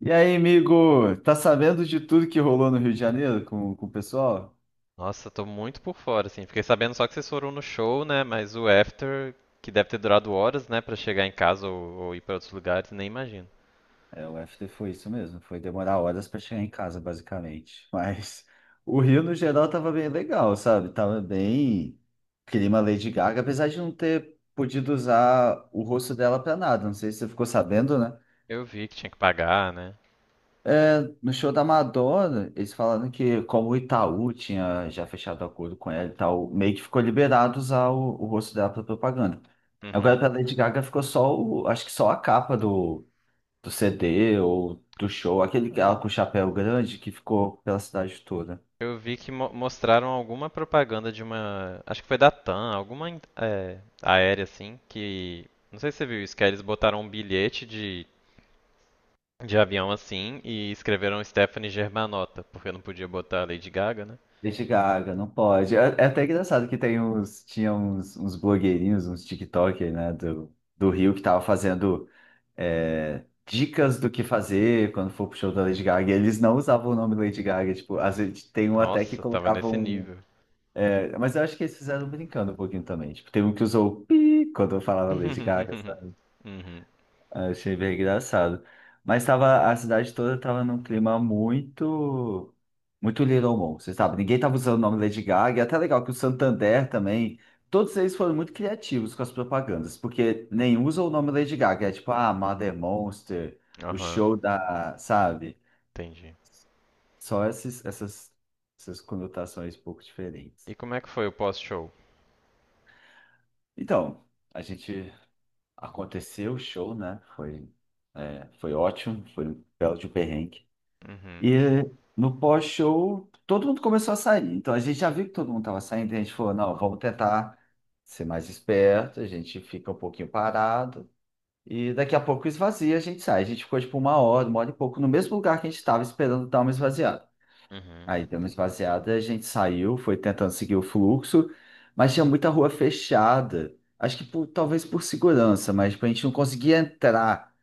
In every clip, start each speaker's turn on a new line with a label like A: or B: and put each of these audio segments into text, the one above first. A: E aí, amigo? Tá sabendo de tudo que rolou no Rio de Janeiro com o pessoal?
B: Nossa, tô muito por fora, assim. Fiquei sabendo só que vocês foram no show, né? Mas o after, que deve ter durado horas, né, pra chegar em casa ou ir pra outros lugares, nem imagino.
A: É, o FT foi isso mesmo. Foi demorar horas para chegar em casa, basicamente. Mas o Rio, no geral, tava bem legal, sabe? Tava bem clima Lady Gaga, apesar de não ter podido usar o rosto dela para nada. Não sei se você ficou sabendo, né?
B: Eu vi que tinha que pagar, né?
A: No show da Madonna, eles falando que como o Itaú tinha já fechado acordo com ela e tal, meio que ficou liberado usar o rosto dela para propaganda. Agora
B: Uhum.
A: para Lady Gaga ficou só o, acho que só a capa do CD ou do show, aquele que ela com o
B: É.
A: chapéu grande que ficou pela cidade toda.
B: Eu vi que mostraram alguma propaganda de uma. Acho que foi da TAM, alguma aérea, assim, que. Não sei se você viu isso, que aí eles botaram um bilhete de avião assim e escreveram Stephanie Germanotta, porque não podia botar a Lady Gaga, né?
A: Lady Gaga, não pode. É, é até engraçado que tem uns, tinha uns, uns blogueirinhos, uns TikTokers, né, do Rio que tava fazendo dicas do que fazer quando for pro show da Lady Gaga. E eles não usavam o nome Lady Gaga, tipo, às vezes tem um até que
B: Nossa, tava nesse
A: colocavam.
B: nível.
A: É, mas eu acho que eles fizeram brincando um pouquinho também. Tipo, tem um que usou o pi quando eu falava Lady Gaga, sabe?
B: Uhum.
A: Eu achei bem engraçado. Mas tava, a cidade toda tava num clima muito, muito Little Mon, você sabe? Ninguém tava usando o nome Lady Gaga. E é até legal que o Santander também, todos eles foram muito criativos com as propagandas, porque nem usa o nome Lady Gaga. É tipo, ah, Mother Monster, o
B: Aham,
A: show da, sabe?
B: entendi.
A: Só esses, essas, essas conotações um pouco diferentes.
B: E como é que foi o pós-show?
A: Então, a gente aconteceu o show, né? Foi, foi ótimo, foi um belo de um perrengue.
B: Uhum.
A: E no pós-show, todo mundo começou a sair. Então a gente já viu que todo mundo estava saindo, e a gente falou, não, vamos tentar ser mais esperto, a gente fica um pouquinho parado. E daqui a pouco esvazia, a gente sai. A gente ficou tipo uma hora e pouco, no mesmo lugar que a gente estava esperando dar uma esvaziada.
B: Uhum.
A: Aí deu uma esvaziada, a gente saiu, foi tentando seguir o fluxo, mas tinha muita rua fechada. Acho que talvez por segurança, mas tipo, a gente não conseguia entrar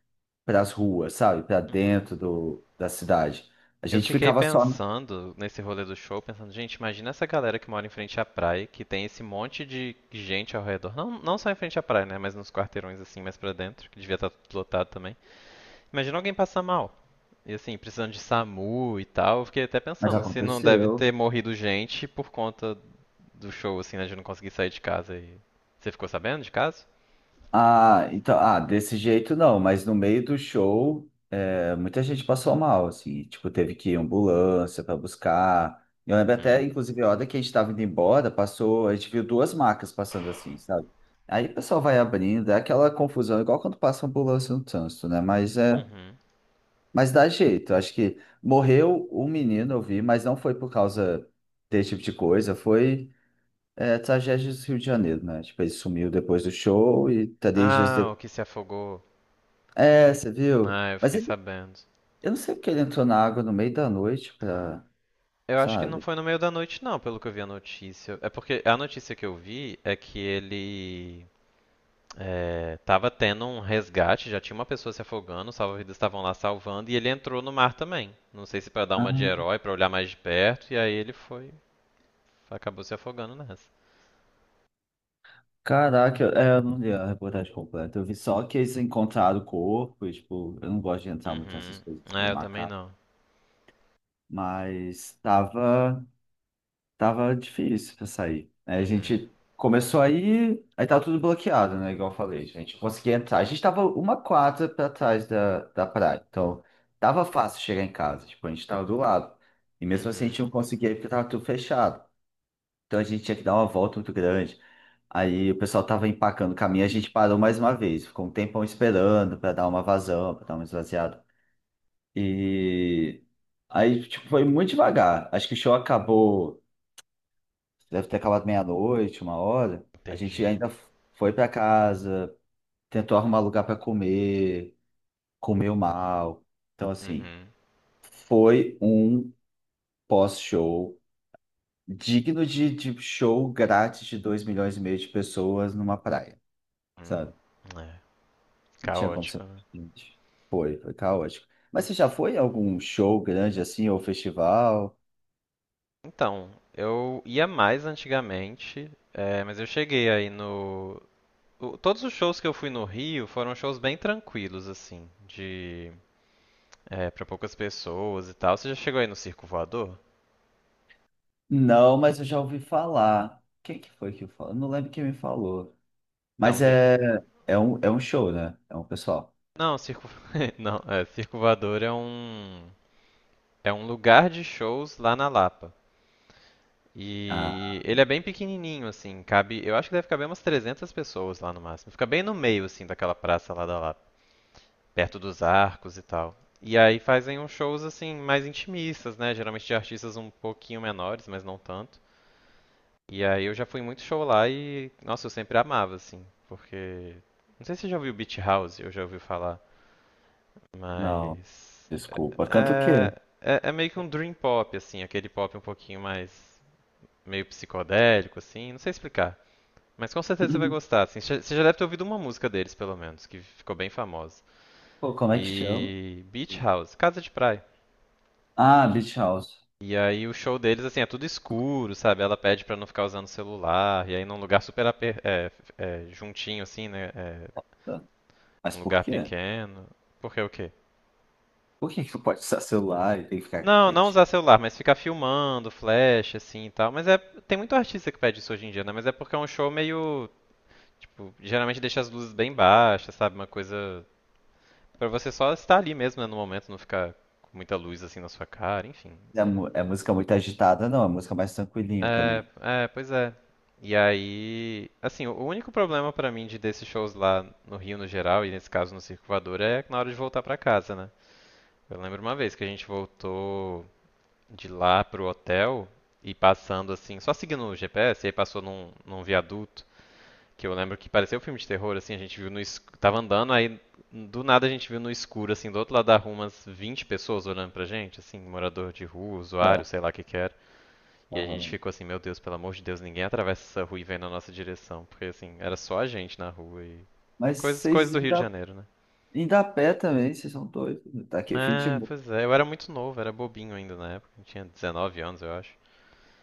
A: para as ruas, sabe? Para
B: Uhum.
A: dentro do, da cidade. A
B: Eu
A: gente
B: fiquei
A: ficava só.
B: pensando nesse rolê do show, pensando, gente, imagina essa galera que mora em frente à praia, que tem esse monte de gente ao redor. Não, não só em frente à praia, né? Mas nos quarteirões assim, mais pra dentro, que devia estar tudo lotado também. Imagina alguém passar mal. E assim, precisando de SAMU e tal. Eu fiquei até
A: Mas
B: pensando, se não deve
A: aconteceu.
B: ter morrido gente por conta do show, assim, né? De não conseguir sair de casa e. Você ficou sabendo de caso?
A: Ah, então, ah, desse jeito não, mas no meio do show, muita gente passou mal, assim, tipo, teve que ir em ambulância para buscar. Eu lembro
B: Hum.
A: até, inclusive, a hora que a gente estava indo embora, passou, a gente viu duas macas passando assim, sabe? Aí o pessoal vai abrindo, é aquela confusão, igual quando passa ambulância no trânsito, né? Mas é,
B: Uhum.
A: mas dá jeito. Acho que morreu um menino, eu vi, mas não foi por causa desse tipo de coisa, foi. É, tragédias do Rio de Janeiro, né? Tipo, ele sumiu depois do show e três dias
B: Ah, o
A: depois.
B: que se afogou.
A: É, você viu?
B: Ah, eu
A: Mas
B: fiquei
A: ele,
B: sabendo.
A: eu não sei porque ele entrou na água no meio da noite pra,
B: Eu acho que não
A: sabe?
B: foi no meio da noite, não, pelo que eu vi a notícia. É porque a notícia que eu vi é que ele tava tendo um resgate, já tinha uma pessoa se afogando, os salva-vidas estavam lá salvando, e ele entrou no mar também. Não sei se pra dar uma de
A: Ah,
B: herói, pra olhar mais de perto, e aí ele foi, acabou se afogando nessa.
A: caraca, eu, eu não li a reportagem completa. Eu vi só que eles encontraram o corpo e, tipo, eu não gosto de entrar muito
B: Uhum.
A: nessas coisas
B: É,
A: meio
B: eu também
A: macabras.
B: não.
A: Mas tava. Tava difícil pra sair. Aí a
B: Uhum.
A: gente começou aí, aí tava tudo bloqueado, né? Igual eu falei, a gente conseguia entrar. A gente tava uma quadra pra trás da praia, então tava fácil chegar em casa, tipo, a gente tava do lado. E mesmo assim a
B: Uhum.
A: gente não conseguia ir porque tava tudo fechado. Então a gente tinha que dar uma volta muito grande. Aí o pessoal tava empacando o caminho, a gente parou mais uma vez, ficou um tempão esperando pra dar uma vazão, pra dar uma esvaziada. E aí, tipo, foi muito devagar. Acho que o show acabou. Deve ter acabado meia-noite, uma hora. A gente
B: Entendi.
A: ainda foi para casa, tentou arrumar lugar para comer, comeu mal. Então, assim,
B: Uhum.
A: foi um pós-show digno de show grátis de 2 milhões e meio de pessoas numa praia, sabe?
B: Uhum. É,
A: Não tinha como
B: caótico,
A: ser
B: né?
A: diferente. Foi, foi caótico. Mas você já
B: Nossa.
A: foi em algum show grande assim, ou festival?
B: Então, eu ia mais antigamente, mas eu cheguei aí no. Todos os shows que eu fui no Rio foram shows bem tranquilos, assim, de. É, pra poucas pessoas e tal. Você já chegou aí no Circo Voador?
A: Não, mas eu já ouvi falar. Quem que foi que falou? Eu não lembro quem me falou.
B: Então,
A: Mas é, é um show, né? É um pessoal.
B: não, Circo. Não, é, Circo Voador é um. É um lugar de shows lá na Lapa. E
A: Ah,
B: ele é bem pequenininho, assim, cabe. Eu acho que deve caber umas 300 pessoas lá no máximo. Fica bem no meio, assim, daquela praça lá da Lapa. Perto dos arcos e tal. E aí fazem uns shows assim mais intimistas, né? Geralmente de artistas um pouquinho menores, mas não tanto. E aí eu já fui muito show lá e, nossa, eu sempre amava assim, porque não sei se você já ouviu Beach House, eu já ouvi falar,
A: não,
B: mas
A: desculpa. Canta o quê?
B: é meio que um dream pop assim, aquele pop um pouquinho mais meio psicodélico assim, não sei explicar. Mas com certeza você vai gostar, assim. Você já deve ter ouvido uma música deles, pelo menos, que ficou bem famosa.
A: Pô, como é que chama?
B: E Beach House, Casa de Praia.
A: Ah, Beach House.
B: E aí o show deles, assim, é tudo escuro, sabe? Ela pede pra não ficar usando celular, e aí num lugar super aper- é, é, juntinho, assim, né? É,
A: Tá. Mas
B: um
A: por
B: lugar
A: quê?
B: pequeno. Porque o quê?
A: Por que que não pode usar celular e tem que ficar
B: Não, não
A: quietinho?
B: usar celular, mas ficar filmando, flash, assim e tal. Mas é, tem muito artista que pede isso hoje em dia, né? Mas é porque é um show meio, tipo, geralmente deixa as luzes bem baixas, sabe? Uma coisa pra você só estar ali mesmo, né, no momento, não ficar com muita luz assim na sua cara, enfim.
A: É, é música muito agitada, não. É música mais tranquilinha também.
B: Pois é. E aí, assim, o único problema pra mim de desses shows lá no Rio no geral, e nesse caso no Circo Voador, é na hora de voltar pra casa, né? Eu lembro uma vez que a gente voltou de lá pro hotel e passando assim, só seguindo o GPS, e aí passou num viaduto, que eu lembro que parecia um filme de terror, assim, a gente viu no escuro, tava andando, aí do nada a gente viu no escuro, assim, do outro lado da rua umas 20 pessoas olhando pra gente, assim, morador de rua, usuário,
A: Tá.
B: sei lá o que que era. E a gente
A: Aham.
B: ficou assim, meu Deus, pelo amor de Deus, ninguém atravessa essa rua e vem na nossa direção. Porque assim, era só a gente na rua e. Ah,
A: Mas
B: coisas, coisas
A: vocês
B: do Rio de
A: ainda,
B: Janeiro, né?
A: ainda a pé também, vocês são doidos, né? Tá aqui, fim de...
B: Ah, pois é, eu era muito novo, era bobinho ainda na época. Eu tinha 19 anos, eu acho.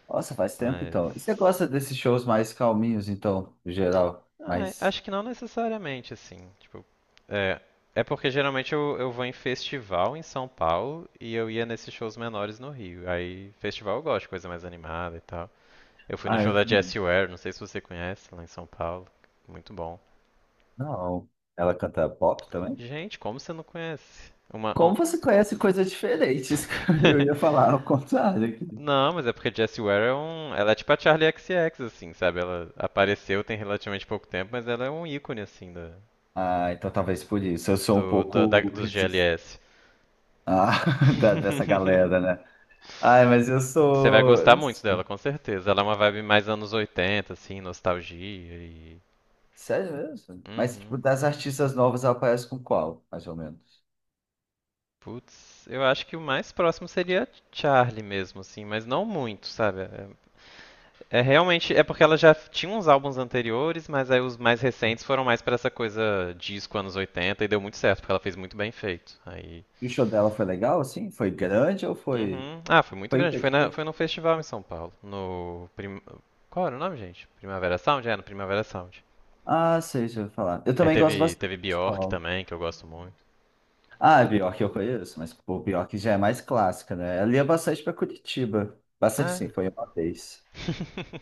A: Nossa, faz tempo
B: Mas.
A: então. E você gosta desses shows mais calminhos, então, no geral?
B: Ah,
A: Mas.
B: acho que não necessariamente, assim. Tipo, é, é porque geralmente eu vou em festival em São Paulo e eu ia nesses shows menores no Rio. Aí, festival eu gosto, coisa mais animada e tal. Eu fui no
A: Ah,
B: show
A: eu
B: da
A: também.
B: Jessie Ware, não sei se você conhece, lá em São Paulo. Muito bom.
A: Não. Ela canta pop também?
B: Gente, como você não conhece? Uma.
A: Como você conhece coisas diferentes? Eu ia falar ao contrário aqui.
B: Não, mas é porque Jessie Ware é um. Ela é tipo a Charlie X X assim, sabe? Ela apareceu tem relativamente pouco tempo, mas ela é um ícone, assim, da,
A: Ah, então talvez por isso. Eu sou um
B: do, do- da-
A: pouco
B: dos
A: resistente
B: GLS.
A: dessa galera, né? Ai, mas eu
B: Você vai
A: sou. Eu
B: gostar
A: não
B: muito dela,
A: sei.
B: com certeza. Ela é uma vibe mais anos 80, assim, nostalgia e.
A: Sério mesmo? Mas, tipo,
B: Uhum.
A: das artistas novas, ela aparece com qual, mais ou menos?
B: Putz, eu acho que o mais próximo seria Charlie mesmo, assim, mas não muito, sabe? É realmente, é porque ela já tinha uns álbuns anteriores, mas aí os mais
A: Ah.
B: recentes foram mais pra essa coisa disco anos 80 e deu muito certo, porque ela fez muito bem feito. Aí.
A: E o show dela foi legal, assim? Foi grande ou foi.
B: Uhum. Ah, foi muito
A: Foi.
B: grande.
A: Foi...
B: Foi no festival em São Paulo. No. Prim... Qual era o nome, gente? Primavera Sound? É, no Primavera Sound.
A: Ah, sei, deixa eu falar. Eu
B: E aí
A: também gosto bastante
B: teve
A: do
B: Bjork
A: pessoal.
B: também, que eu gosto muito.
A: Ah, a Bjork eu conheço, mas pô, Bjork já é mais clássica, né? Ela ia bastante pra Curitiba. Bastante sim,
B: Ah.
A: foi uma vez.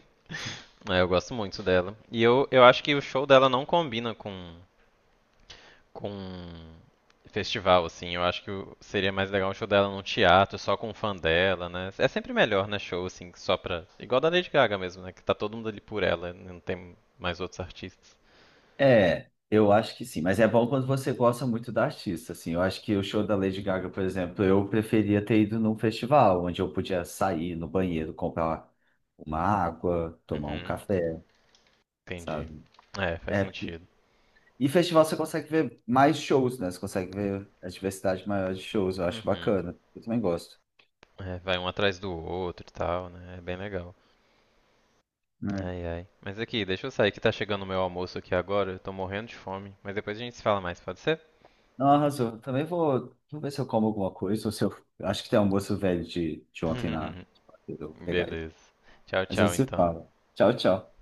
B: É, eu gosto muito dela. E eu acho que o show dela não combina com festival, assim. Eu acho que seria mais legal um show dela num teatro, só com um fã dela, né? É sempre melhor, né, show, assim, só pra... Igual da Lady Gaga mesmo, né? Que tá todo mundo ali por ela, não tem mais outros artistas.
A: É, eu acho que sim, mas é bom quando você gosta muito da artista, assim. Eu acho que o show da Lady Gaga, por exemplo, eu preferia ter ido num festival, onde eu podia sair no banheiro, comprar uma água, tomar um
B: Uhum,
A: café,
B: entendi.
A: sabe?
B: É, faz
A: É, porque...
B: sentido.
A: e festival você consegue ver mais shows, né? Você consegue ver a diversidade maior de shows, eu acho
B: Uhum.
A: bacana. Eu também gosto.
B: É, vai um atrás do outro e tal, né? É bem legal. Ai, ai. Mas aqui, deixa eu sair que tá chegando o meu almoço aqui agora. Eu tô morrendo de fome. Mas depois a gente se fala mais, pode ser?
A: Não, arrasou. Também vou, vou ver se eu como alguma coisa, ou se eu. Acho que tem almoço velho de ontem na. Eu vou pegar aí.
B: Beleza. Tchau,
A: A gente
B: tchau,
A: se
B: então.
A: fala. Tchau, tchau.